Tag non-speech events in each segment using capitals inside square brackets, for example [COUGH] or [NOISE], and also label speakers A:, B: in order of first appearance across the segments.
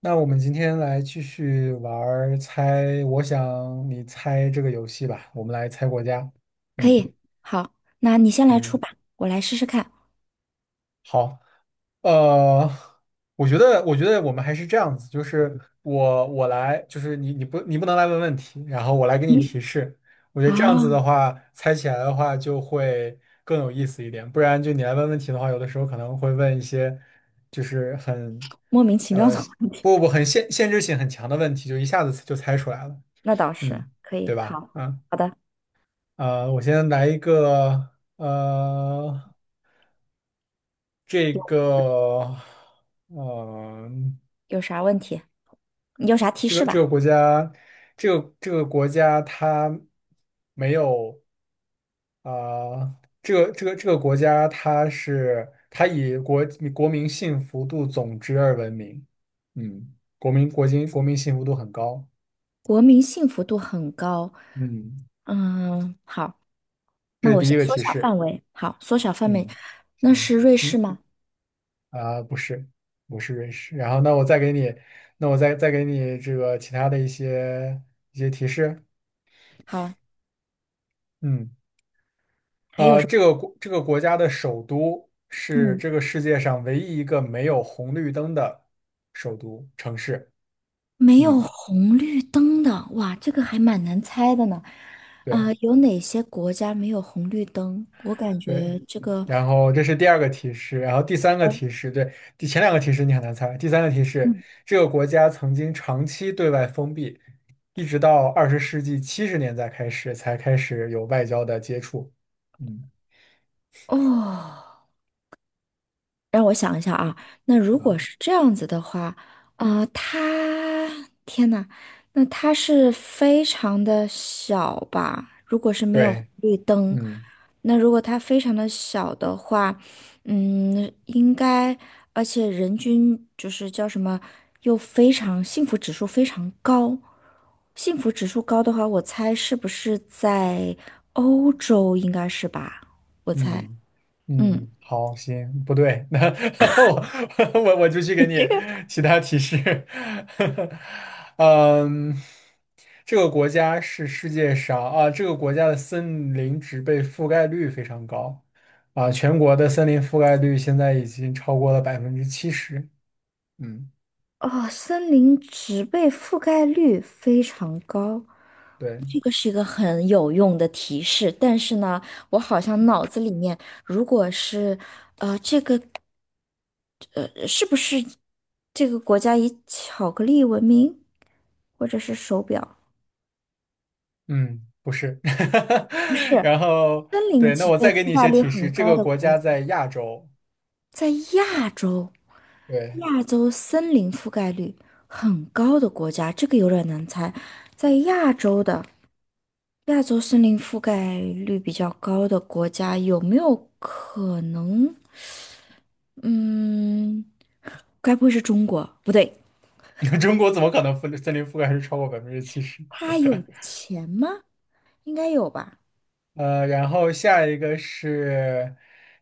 A: 那我们今天来继续玩儿猜，我想你猜这个游戏吧。我们来猜国家。
B: 可
A: 嗯
B: 以。好，那你先来出
A: 嗯，
B: 吧，我来试试看。
A: 好。呃，我觉得，我们还是这样子，就是我来，就是你不能来问问题，然后我来给你
B: 嗯。
A: 提示。我觉得
B: 啊，
A: 这样子的话，猜起来的话就会更有意思一点。不然就你来问问题的话，有的时候可能会问一些就是很
B: 莫名其妙
A: 呃
B: 的话，
A: 不不不很限制性很强的问题，就一下子就猜出来了。
B: [LAUGHS] 那倒是
A: 嗯，
B: 可
A: 对
B: 以。
A: 吧？
B: 好，
A: 啊，
B: 好的，
A: 我先来一个，这个，呃，
B: 有啥问题？你有啥提
A: 这
B: 示
A: 个这个
B: 吧？
A: 国家，这个国家它没有，呃，这个国家它以国民幸福度总值而闻名，嗯，国民幸福度很高，
B: 国民幸福度很高。
A: 嗯，
B: 嗯，好，
A: 这
B: 那
A: 是
B: 我
A: 第
B: 先
A: 一个
B: 缩
A: 提
B: 小
A: 示，
B: 范围。好，缩小范围，
A: 嗯，
B: 那
A: 行
B: 是瑞士
A: 嗯
B: 吗？
A: 啊，不是，不是瑞士。然后，那我再给你这个其他的一些提示。
B: 好，
A: 嗯，
B: 还有什么？
A: 这个国家的首都是
B: 嗯，
A: 这个世界上唯一一个没有红绿灯的首都城市。
B: 没有
A: 嗯，
B: 红绿灯的，哇，这个还蛮难猜的呢。啊、
A: 对。
B: 有哪些国家没有红绿灯？我感
A: 对，
B: 觉这个，
A: 然后这是第二个提示，然后第三个
B: 呃
A: 提示，对，前两个提示你很难猜，第三个提示，
B: 嗯，
A: 这个国家曾经长期对外封闭，一直到20世纪70年代开始才开始有外交的接触。嗯，
B: 哦。让我想一下啊，那如
A: 啊，
B: 果是这样子的话，啊、他天呐，那他是非常的小吧？如果是没有红
A: 对，
B: 绿灯，
A: 嗯。
B: 那如果他非常的小的话，嗯，应该，而且人均就是叫什么，又非常幸福指数非常高，幸福指数高的话，我猜是不是在欧洲应该是吧？我猜，
A: 嗯
B: 嗯。
A: 嗯，好，行，不对，[LAUGHS] 那我 [LAUGHS] 我就去
B: [LAUGHS]
A: 给
B: 你
A: 你
B: 这个
A: 其他提示。[LAUGHS] 嗯，这个国家是世界上啊，这个国家的森林植被覆盖率非常高啊，全国的森林覆盖率现在已经超过了百分之七十。嗯，
B: 哦，森林植被覆盖率非常高，
A: 对，
B: 这个是一个很有用的提示。但是呢，我好像脑子里面，如果是，是不是这个国家以巧克力闻名，或者是手表？
A: 嗯，不是。
B: 不是，
A: [LAUGHS] 然后
B: 森林
A: 对，那
B: 植
A: 我
B: 被
A: 再给
B: 覆
A: 你一
B: 盖
A: 些
B: 率
A: 提示，
B: 很
A: 这
B: 高
A: 个
B: 的
A: 国
B: 国
A: 家
B: 家，
A: 在亚洲。
B: 在亚洲，
A: 对，
B: 亚洲森林覆盖率很高的国家，这个有点难猜，在亚洲的。亚洲森林覆盖率比较高的国家有没有可能？嗯，该不会是中国？不对，
A: [LAUGHS] 中国怎么可能森林覆盖率超过百分之七十？
B: 他有
A: [LAUGHS]
B: 钱吗？应该有吧，
A: 然后下一个是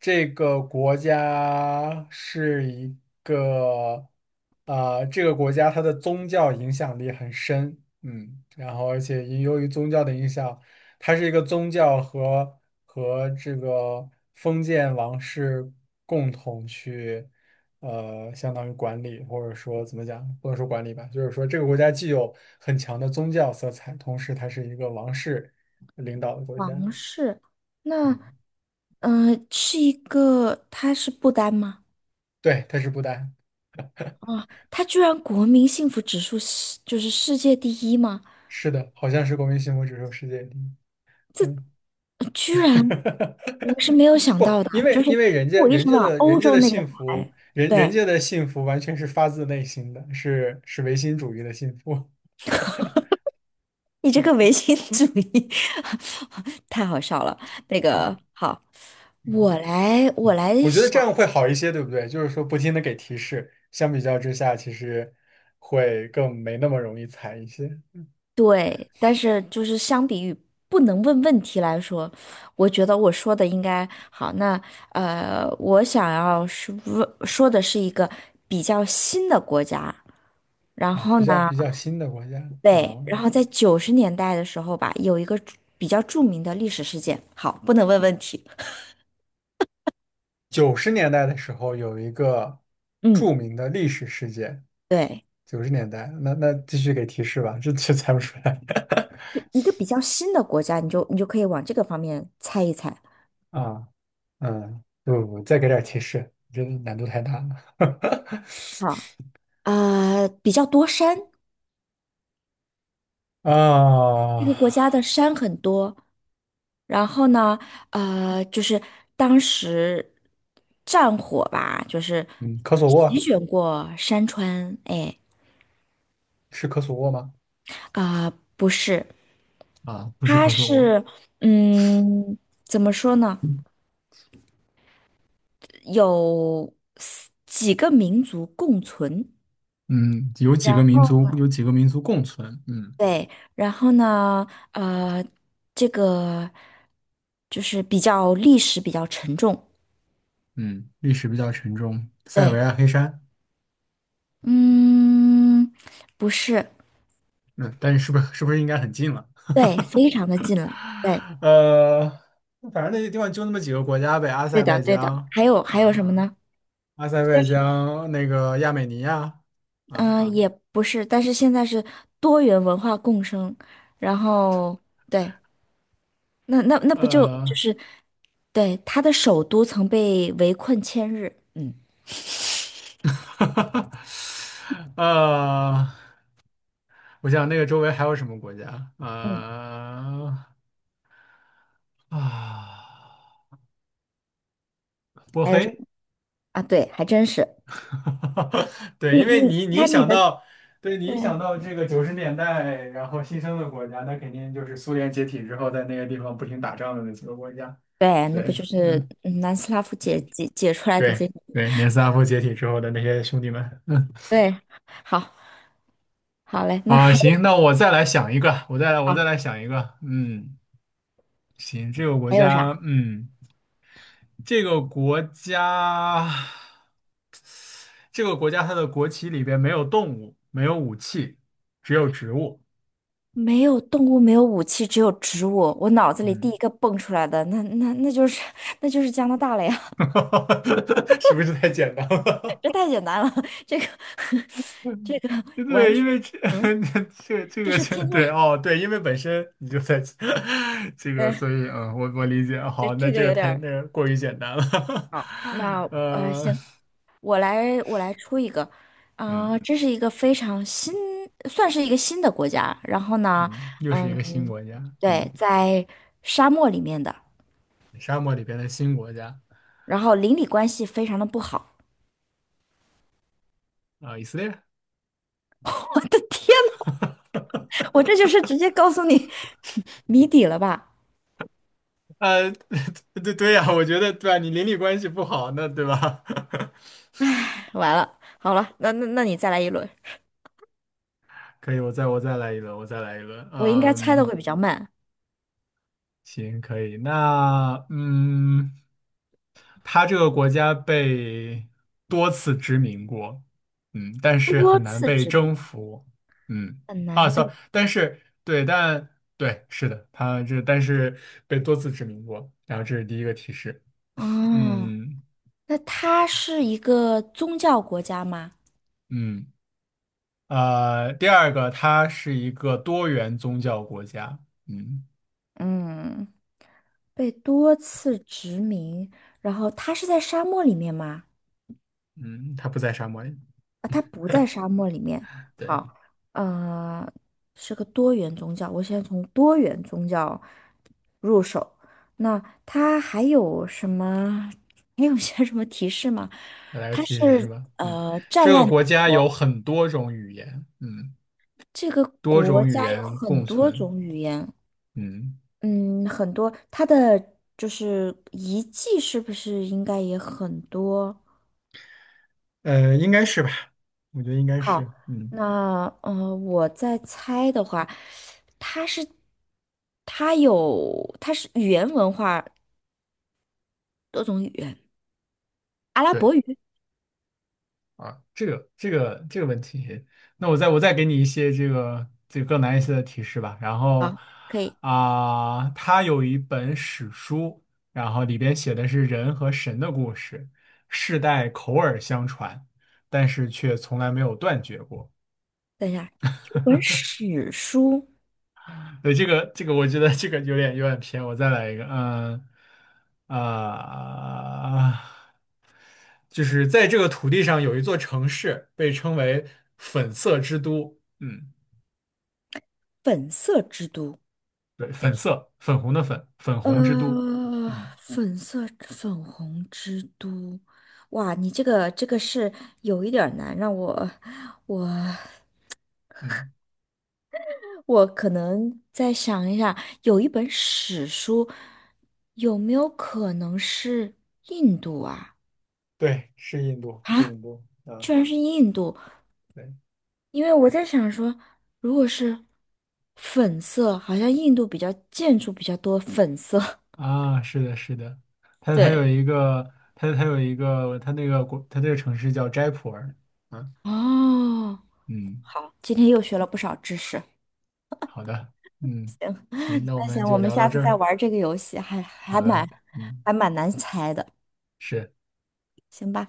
A: 这个国家是一个，啊，这个国家它的宗教影响力很深，嗯，然后而且也由于宗教的影响，它是一个宗教和这个封建王室共同去，呃，相当于管理或者说怎么讲，不能说管理吧，就是说这个国家既有很强的宗教色彩，同时它是一个王室领导的国家。
B: 王室。
A: 嗯，
B: 那，是一个，他是不丹吗？
A: 对，它是不丹，
B: 啊，他居然国民幸福指数是就是世界第一吗？
A: 是的，好像是国民幸福指数世界第一。嗯，
B: 居然，我是
A: [LAUGHS]
B: 没有想
A: 不，
B: 到的，
A: 因
B: 就
A: 为
B: 是我一直往
A: 人
B: 欧
A: 家
B: 洲
A: 的
B: 那边
A: 幸福，
B: 排。
A: 人
B: 对，
A: 家的幸福完全是发自内心的，是唯心主义的幸福。
B: 你这个唯心主义 [LAUGHS] 太好笑了。那个
A: 嗯
B: 好，
A: [LAUGHS] 嗯，
B: 我来
A: 我觉得这
B: 想，
A: 样会好一些，对不对？就是说不停的给提示，相比较之下，其实会更没那么容易踩一些
B: 对，但是就是相比于不能问问题来说，我觉得我说的应该好。那我想要是问说的是一个比较新的国家，然
A: 啊，
B: 后呢，
A: 比较新的国家啊。
B: 对，然后在九十年代的时候吧，有一个著比较著名的历史事件。好，不能问问题。
A: 九十年代的时候，有一个著
B: 嗯，
A: 名的历史事件。
B: 对。
A: 九十年代，那继续给提示吧，这猜不出来
B: 一个比较新的国家，你就可以往这个方面猜一猜。
A: [LAUGHS] 啊，嗯，不不不，再给点提示，这难度太大了
B: 好，啊、比较多山，
A: [LAUGHS]
B: 这
A: 啊，
B: 个国家的山很多。然后呢，就是当时战火吧，就是
A: 嗯，科索
B: 席
A: 沃
B: 卷过山川。哎，
A: 是科索沃吗？
B: 啊、不是，
A: 啊，不是
B: 它
A: 科索沃，
B: 是，嗯，怎么说呢？有几个民族共存。
A: 嗯，
B: 然后。
A: 有几个民族共存，嗯
B: 对，然后呢，呃，这个就是比较历史比较沉重，
A: 嗯，历史比较沉重，塞尔维
B: 对，
A: 亚黑山，
B: 嗯，不是，
A: 嗯，但是是不是应该很近了？
B: 对，非常的近了，对，
A: [LAUGHS] 呃，反正那些地方就那么几个国家呗，阿
B: 对
A: 塞拜
B: 的，对的，
A: 疆
B: 还有还有什
A: 啊，
B: 么呢？
A: 阿塞拜
B: 但是，
A: 疆、那个亚美尼亚啊，
B: 嗯，也不是，但是现在是多元文化共生，然后对，那那不就就
A: 呃，
B: 是对，它的首都曾被围困千日，嗯
A: [LAUGHS] 呃，我想那个周围还有什么国家？
B: 嗯，
A: 啊，波
B: 还有什
A: 黑，
B: 么啊？对，还真是，
A: [LAUGHS] 对，
B: 你
A: 因为
B: 你你
A: 你一
B: 看你
A: 想
B: 的。
A: 到，对你
B: 对。
A: 一想到这个九十年代然后新生的国家，那肯定就是苏联解体之后在那个地方不停打仗的那几个国家。
B: 对，那不
A: 对
B: 就是嗯南斯拉夫解解解出来的这
A: 对
B: 个？
A: 对，年斯拉夫解体之后的那些兄弟们。嗯。
B: 对，好，好嘞，那
A: 啊，
B: 还有
A: 行，那我再来想一个，我再来
B: 好
A: 想一个。嗯，行，这个国
B: 还有啥？
A: 家，嗯，这个国家，这个国家它的国旗里边没有动物，没有武器，只有植物。
B: 没有动物，没有武器，只有植物。我脑子里第
A: 嗯，
B: 一个蹦出来的，那那就是 [LAUGHS] 那就是加拿大了呀！
A: [LAUGHS] 是不是太简单了？
B: [LAUGHS] 这太简单了，这个
A: [LAUGHS]
B: [LAUGHS] 这个完
A: 对，因
B: 全，
A: 为这 [LAUGHS]
B: 嗯，
A: 这这
B: 这
A: 个
B: 是
A: 这
B: 天
A: 对
B: 天，
A: 哦，对，因为本身你就在 [LAUGHS] 这个，
B: 对，
A: 所以嗯，我理解。
B: 这
A: 好，那
B: 这
A: 这
B: 个
A: 个
B: 有点
A: 太
B: 儿
A: 那个过于简单了。
B: 好。那
A: [LAUGHS] 呃，
B: 行，我来出一个，
A: 嗯。
B: 啊、这是一个非常新，算是一个新的国家。然后呢，
A: 嗯，又是一个新
B: 嗯，
A: 国家，嗯，
B: 对，在沙漠里面的，
A: 沙漠里边的新国家
B: 然后邻里关系非常的不好。
A: 啊，以色列，
B: [LAUGHS] 我的天呐，我这就是直接告诉你 [LAUGHS] 谜底了吧？
A: 呃，[LAUGHS] 对对呀，我觉得对啊，你邻里关系不好，那对吧？
B: 完了，好了，那那你再来一轮，
A: [LAUGHS] 可以，我再来一轮，我再来一轮，
B: 我应该猜的
A: 嗯，
B: 会比较慢。
A: 行，可以，那嗯。它这个国家被多次殖民过，嗯，但是
B: 多
A: 很难
B: 次
A: 被
B: 殖民
A: 征服，嗯，
B: 很
A: 啊
B: 难
A: ，sorry，
B: 被，
A: 但是对，但对，是的，它这但是被多次殖民过，然后这是第一个提示，
B: 哦，
A: 嗯
B: 那它是一个宗教国家吗？
A: 嗯，第二个，它是一个多元宗教国家，嗯
B: 嗯，被多次殖民，然后它是在沙漠里面吗？
A: 嗯，它不在沙漠里，
B: 啊，它不在沙漠里面。
A: 对，
B: 好，呃，是个多元宗教。我先从多元宗教入手。那它还有什么？还有些什么提示吗？
A: 再来个
B: 它
A: 提示是
B: 是
A: 吧？嗯，
B: 战
A: 这个
B: 乱
A: 国家有很多种语言，嗯，
B: 这个
A: 多
B: 国
A: 种语
B: 家有
A: 言
B: 很
A: 共
B: 多
A: 存。
B: 种语言。
A: 嗯，
B: 嗯，很多，它的就是遗迹是不是应该也很多？
A: 应该是吧？我觉得应该
B: 好，
A: 是，嗯，
B: 那我在猜的话，它是它有它是语言文化多种语言，阿拉伯
A: 对
B: 语
A: 啊，这个问题，那我再给你一些这个更难一些的提示吧。然后
B: 好，可以。
A: 啊，他有一本史书，然后里边写的是人和神的故事，世代口耳相传，但是却从来没有断绝过。
B: 等一下，有本史书
A: 对，这个，我觉得这个有点偏。我再来一个，嗯啊、就是在这个土地上有一座城市，被称为粉色之都。嗯，
B: 《粉色之都》，
A: 对，粉色，粉红的粉，粉红之都。
B: 呃，
A: 嗯
B: 粉色粉红之都，哇，你这个这个是有一点儿难，让我我
A: 嗯，
B: 我可能再想一下，有一本史书，有没有可能是印度啊？
A: 对，是印度，是
B: 啊，
A: 印度啊，
B: 居然是印度！
A: 对
B: 因为我在想说，如果是粉色，好像印度比较建筑比较多粉色。[LAUGHS]
A: 啊，是的，是的，它
B: 对，
A: 有一个，它有一个，它这个城市叫斋普尔。啊，
B: 哦，
A: 嗯。
B: 今天又学了不少知识。
A: 好的，嗯，行，那我
B: 那
A: 们
B: 行，我
A: 就
B: 们
A: 聊到
B: 下次
A: 这
B: 再
A: 儿。
B: 玩这个游戏，还还
A: 好
B: 蛮
A: 的，嗯，
B: 还蛮难猜的，
A: 是。
B: 行吧？